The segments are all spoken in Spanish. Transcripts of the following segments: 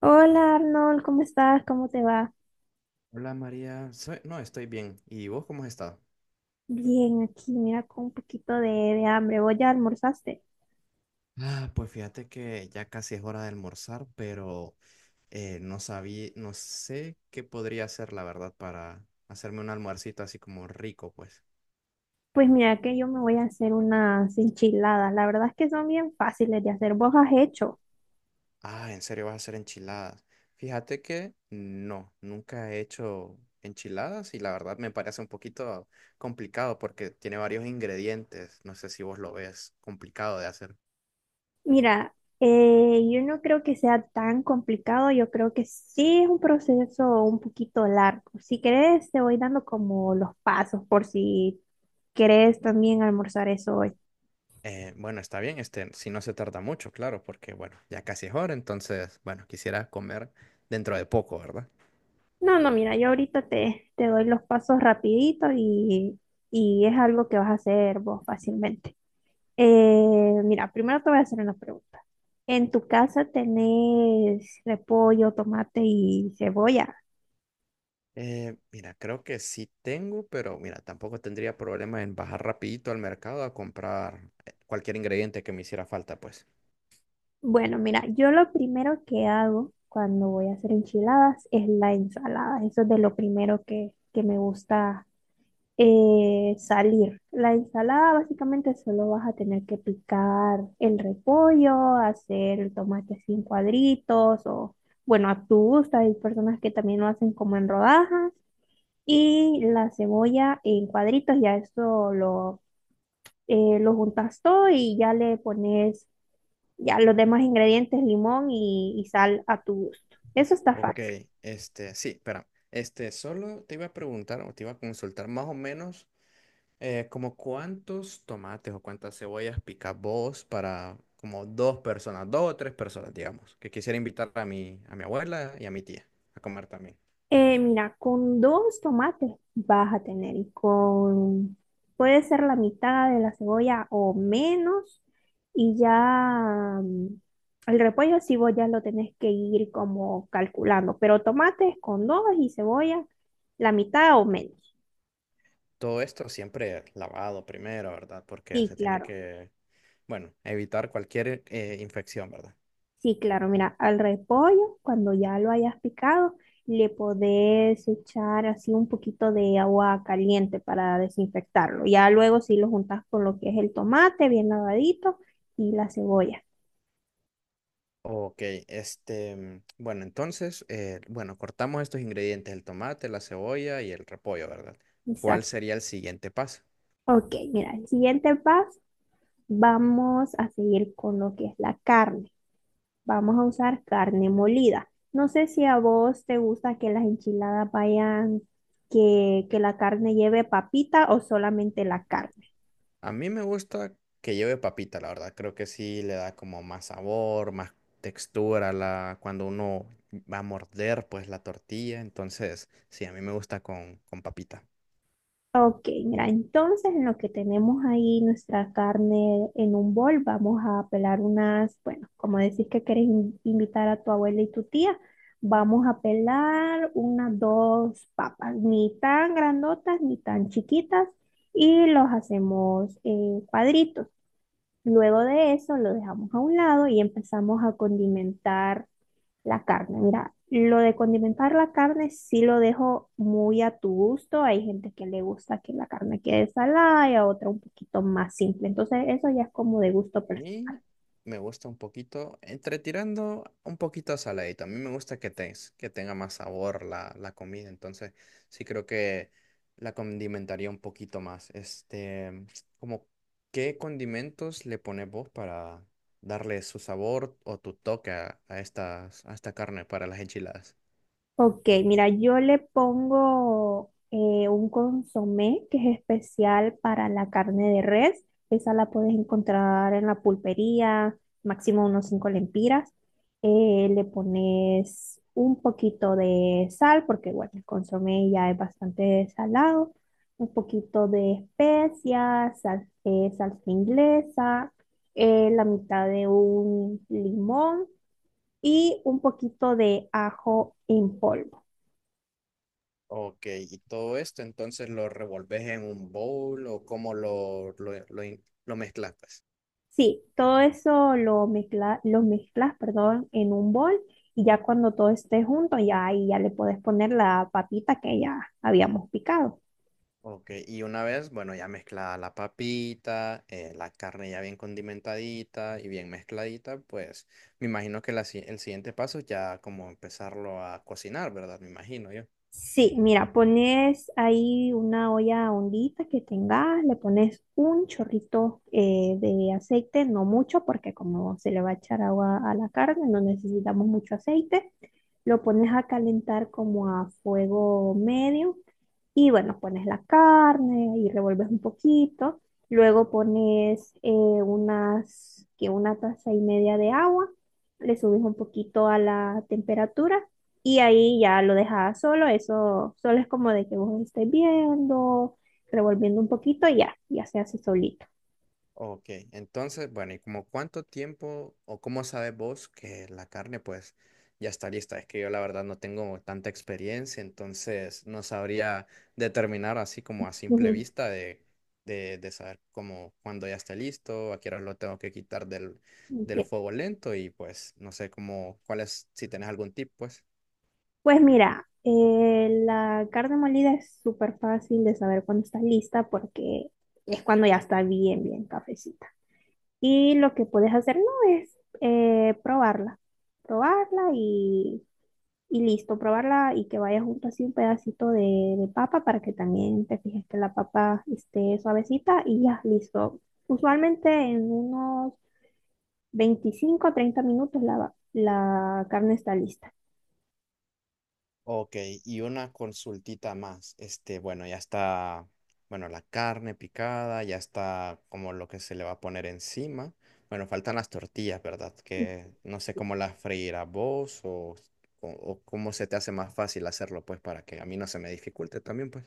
Hola Arnold, ¿cómo estás? ¿Cómo te va? Hola María, no estoy bien. ¿Y vos cómo has estado? Bien, aquí, mira, con un poquito de hambre. ¿Vos ya almorzaste? Ah, pues fíjate que ya casi es hora de almorzar, pero no sé qué podría hacer la verdad para hacerme un almuercito así como rico, pues. Pues mira que yo me voy a hacer unas enchiladas. La verdad es que son bien fáciles de hacer. ¿Vos has hecho? Ah, ¿en serio vas a hacer enchiladas? Fíjate que no, nunca he hecho enchiladas y la verdad me parece un poquito complicado porque tiene varios ingredientes. No sé si vos lo ves complicado de hacer. Mira, yo no creo que sea tan complicado. Yo creo que sí es un proceso un poquito largo. Si querés, te voy dando como los pasos por si querés también almorzar eso hoy. Bueno, está bien, este, si no se tarda mucho, claro, porque bueno, ya casi es hora, entonces, bueno, quisiera comer dentro de poco, ¿verdad? No, no, mira, yo ahorita te doy los pasos rapidito y es algo que vas a hacer vos fácilmente. Mira, primero te voy a hacer una pregunta. ¿En tu casa tenés repollo, tomate y cebolla? Mira, creo que sí tengo, pero mira, tampoco tendría problema en bajar rapidito al mercado a comprar cualquier ingrediente que me hiciera falta, pues. Bueno, mira, yo lo primero que hago cuando voy a hacer enchiladas es la ensalada. Eso es de lo primero que me gusta salir. La ensalada básicamente solo vas a tener que picar el repollo, hacer el tomate así en cuadritos o, bueno, a tu gusto. Hay personas que también lo hacen como en rodajas y la cebolla en cuadritos. Ya eso lo juntas todo y ya le pones ya los demás ingredientes, limón y sal a tu gusto. Eso está Ok, fácil. este, sí, espera. Este, solo te iba a preguntar o te iba a consultar más o menos. ¿Como cuántos tomates o cuántas cebollas picas vos para como dos personas, dos o tres personas, digamos, que quisiera invitar a a mi abuela y a mi tía a comer también? Mira, con dos tomates vas a tener y con, puede ser la mitad de la cebolla o menos y ya el repollo sí vos ya lo tenés que ir como calculando, pero tomates con dos y cebolla la mitad o menos. Todo esto siempre lavado primero, ¿verdad? Porque Y se tiene claro. que, bueno, evitar cualquier infección, ¿verdad? Sí, claro, mira, al repollo, cuando ya lo hayas picado, le podés echar así un poquito de agua caliente para desinfectarlo. Ya luego sí lo juntas con lo que es el tomate bien lavadito y la cebolla. Ok, este, bueno, entonces, bueno, cortamos estos ingredientes, el tomate, la cebolla y el repollo, ¿verdad? ¿Cuál Exacto. sería el siguiente paso? Ok, mira, el siguiente paso, vamos a seguir con lo que es la carne. Vamos a usar carne molida. No sé si a vos te gusta que las enchiladas vayan, que la carne lleve papita o solamente la carne. A mí me gusta que lleve papita, la verdad. Creo que sí le da como más sabor, más textura a la, cuando uno va a morder pues la tortilla. Entonces, sí, a mí me gusta con papita. Ok, mira, entonces en lo que tenemos ahí nuestra carne en un bol, vamos a pelar unas, bueno, como decís que querés invitar a tu abuela y tu tía, vamos a pelar unas dos papas, ni tan grandotas ni tan chiquitas, y los hacemos cuadritos. Luego de eso lo dejamos a un lado y empezamos a condimentar la carne, mira, lo de condimentar la carne sí lo dejo muy a tu gusto. Hay gente que le gusta que la carne quede salada y a otra un poquito más simple. Entonces, eso ya es como de gusto personal. Mí me gusta un poquito, entre tirando un poquito a saladito. A mí me gusta que, que tenga más sabor la, la comida, entonces sí creo que la condimentaría un poquito más. Este, como, ¿qué condimentos le pones vos para darle su sabor o tu toque a estas, a esta carne para las enchiladas? Ok, mira, yo le pongo un consomé que es especial para la carne de res. Esa la puedes encontrar en la pulpería, máximo unos 5 lempiras. Le pones un poquito de sal, porque bueno, el consomé ya es bastante salado. Un poquito de especias, salsa inglesa, la mitad de un limón y un poquito de ajo en polvo. Ok, y todo esto entonces lo revolves en un bowl o cómo lo mezclas, pues? Sí, todo eso lo mezcla, lo mezclas, perdón, en un bol y ya cuando todo esté junto, ya ahí ya le puedes poner la papita que ya habíamos picado. Ok, y una vez, bueno, ya mezclada la papita, la carne ya bien condimentadita y bien mezcladita, pues me imagino que la si- el siguiente paso ya como empezarlo a cocinar, ¿verdad? Me imagino yo. Sí, mira, pones ahí una olla hondita que tengas, le pones un chorrito de aceite, no mucho, porque como se le va a echar agua a la carne, no necesitamos mucho aceite. Lo pones a calentar como a fuego medio. Y bueno, pones la carne y revuelves un poquito. Luego pones unas, que una taza y media de agua. Le subes un poquito a la temperatura y ahí ya lo dejas solo. Eso solo es como de que vos estés viendo, revolviendo un poquito y ya, ya se hace solito. Ok, entonces, bueno, ¿y como cuánto tiempo o cómo sabes vos que la carne pues ya está lista? Es que yo la verdad no tengo tanta experiencia, entonces no sabría determinar así como a simple Ujú. vista de saber como cuándo ya está listo, a qué hora lo tengo que quitar del, del Ok. fuego lento y pues no sé cómo, cuál es, si tenés algún tip pues. Pues mira, la carne molida es súper fácil de saber cuando está lista porque es cuando ya está bien, bien cafecita. Y lo que puedes hacer no es probarla, probarla y listo, probarla y que vaya junto así un pedacito de papa para que también te fijes que la papa esté suavecita y ya, listo. Usualmente en unos 25 o 30 minutos la carne está lista. Ok, y una consultita más. Este, bueno, ya está, bueno, la carne picada, ya está como lo que se le va a poner encima. Bueno, faltan las tortillas, ¿verdad? Que no sé cómo las freirás vos o, cómo se te hace más fácil hacerlo, pues, para que a mí no se me dificulte también, pues.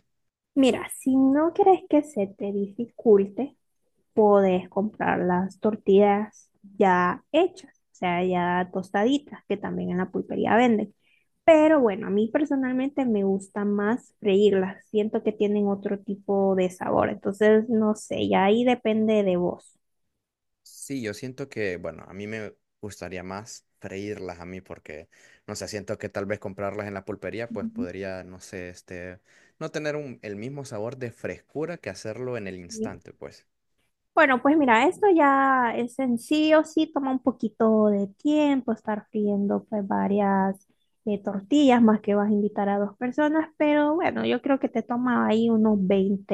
Mira, si no quieres que se te dificulte, podés comprar las tortillas ya hechas, o sea, ya tostaditas, que también en la pulpería venden. Pero bueno, a mí personalmente me gusta más freírlas. Siento que tienen otro tipo de sabor. Entonces, no sé, ya ahí depende de vos. Sí, yo siento que, bueno, a mí me gustaría más freírlas a mí porque, no sé, siento que tal vez comprarlas en la pulpería, pues Ujú. podría, no sé, este, no tener el mismo sabor de frescura que hacerlo en el ¿Sí? instante, pues. Bueno, pues mira, esto ya es en sí o sí toma un poquito de tiempo estar friendo pues varias tortillas, más que vas a invitar a dos personas, pero bueno, yo creo que te toma ahí unos veinte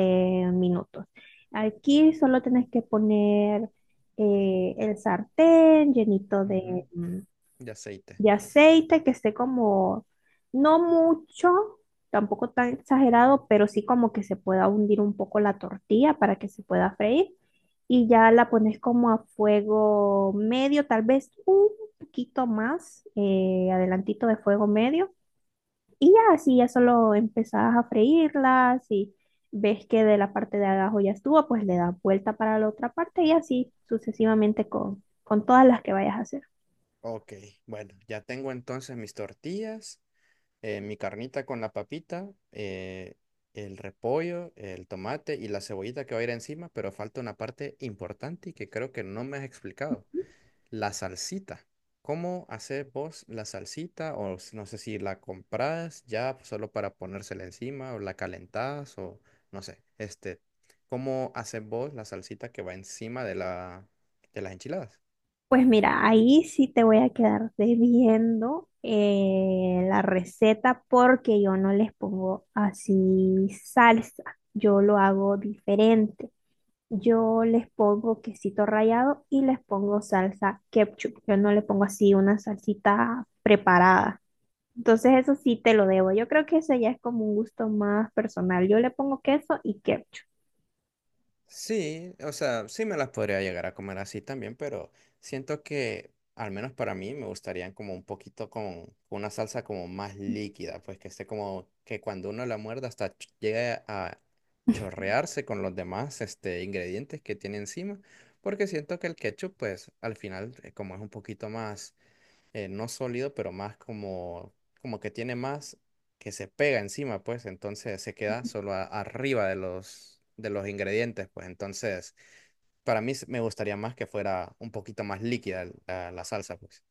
minutos. Aquí solo tienes que poner el sartén llenito de, Ujú. mm, De aceite. de aceite que esté como, no mucho, tampoco tan exagerado, pero sí como que se pueda hundir un poco la tortilla para que se pueda freír. Y ya la pones como a fuego medio, tal vez un poquito más, adelantito de fuego medio. Y ya así, ya solo empezás a freírlas y ves que de la parte de abajo ya estuvo, pues le das vuelta para la otra parte y así sucesivamente con todas las que vayas a hacer. Ok, bueno, ya tengo entonces mis tortillas, mi carnita con la papita, el repollo, el tomate y la cebollita que va a ir encima, pero falta una parte importante y que creo que no me has explicado. La salsita. ¿Cómo haces vos la salsita? No sé si la compras ya pues, solo para ponérsela encima o la calentás o no sé. Este, ¿cómo haces vos la salsita que va encima de la de las enchiladas? Pues mira, ahí sí te voy a quedar debiendo la receta porque yo no les pongo así salsa, yo lo hago diferente. Yo les pongo quesito rallado y les pongo salsa ketchup. Yo no le pongo así una salsita preparada. Entonces eso sí te lo debo. Yo creo que eso ya es como un gusto más personal. Yo le pongo queso y ketchup. Sí, o sea, sí me las podría llegar a comer así también, pero siento que al menos para mí me gustarían como un poquito con una salsa como más líquida, pues que esté como que cuando uno la muerda hasta llegue a chorrearse con los demás este, ingredientes que tiene encima, porque siento que el ketchup pues al final como es un poquito más no sólido, pero más como, como que tiene más que se pega encima, pues entonces se queda solo arriba de los ingredientes, pues entonces para mí me gustaría más que fuera un poquito más líquida la, la salsa, pues.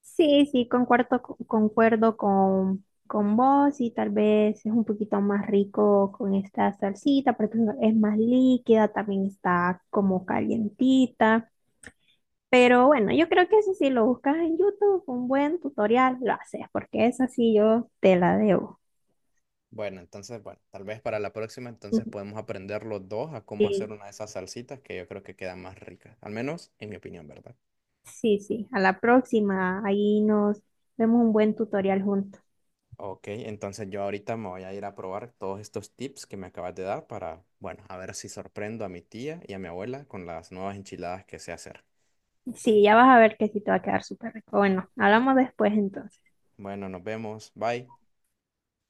Sí, sí, concuerdo, concuerdo con vos y tal vez es un poquito más rico con esta salsita porque es más líquida, también está como calientita. Pero bueno, yo creo que eso sí lo buscas en YouTube, un buen tutorial lo haces porque esa sí yo te la debo. Bueno, entonces, bueno, tal vez para la próxima entonces Ujú. podemos aprender los dos a cómo hacer Sí, una de esas salsitas que yo creo que quedan más ricas, al menos en mi opinión, ¿verdad? sí, sí, a la próxima, ahí nos vemos un buen tutorial juntos. Ok, entonces yo ahorita me voy a ir a probar todos estos tips que me acabas de dar para, bueno, a ver si sorprendo a mi tía y a mi abuela con las nuevas enchiladas que sé hacer. Sí, ya vas a ver que sí te va a quedar súper rico. Bueno, hablamos después entonces. Bueno, nos vemos. Bye.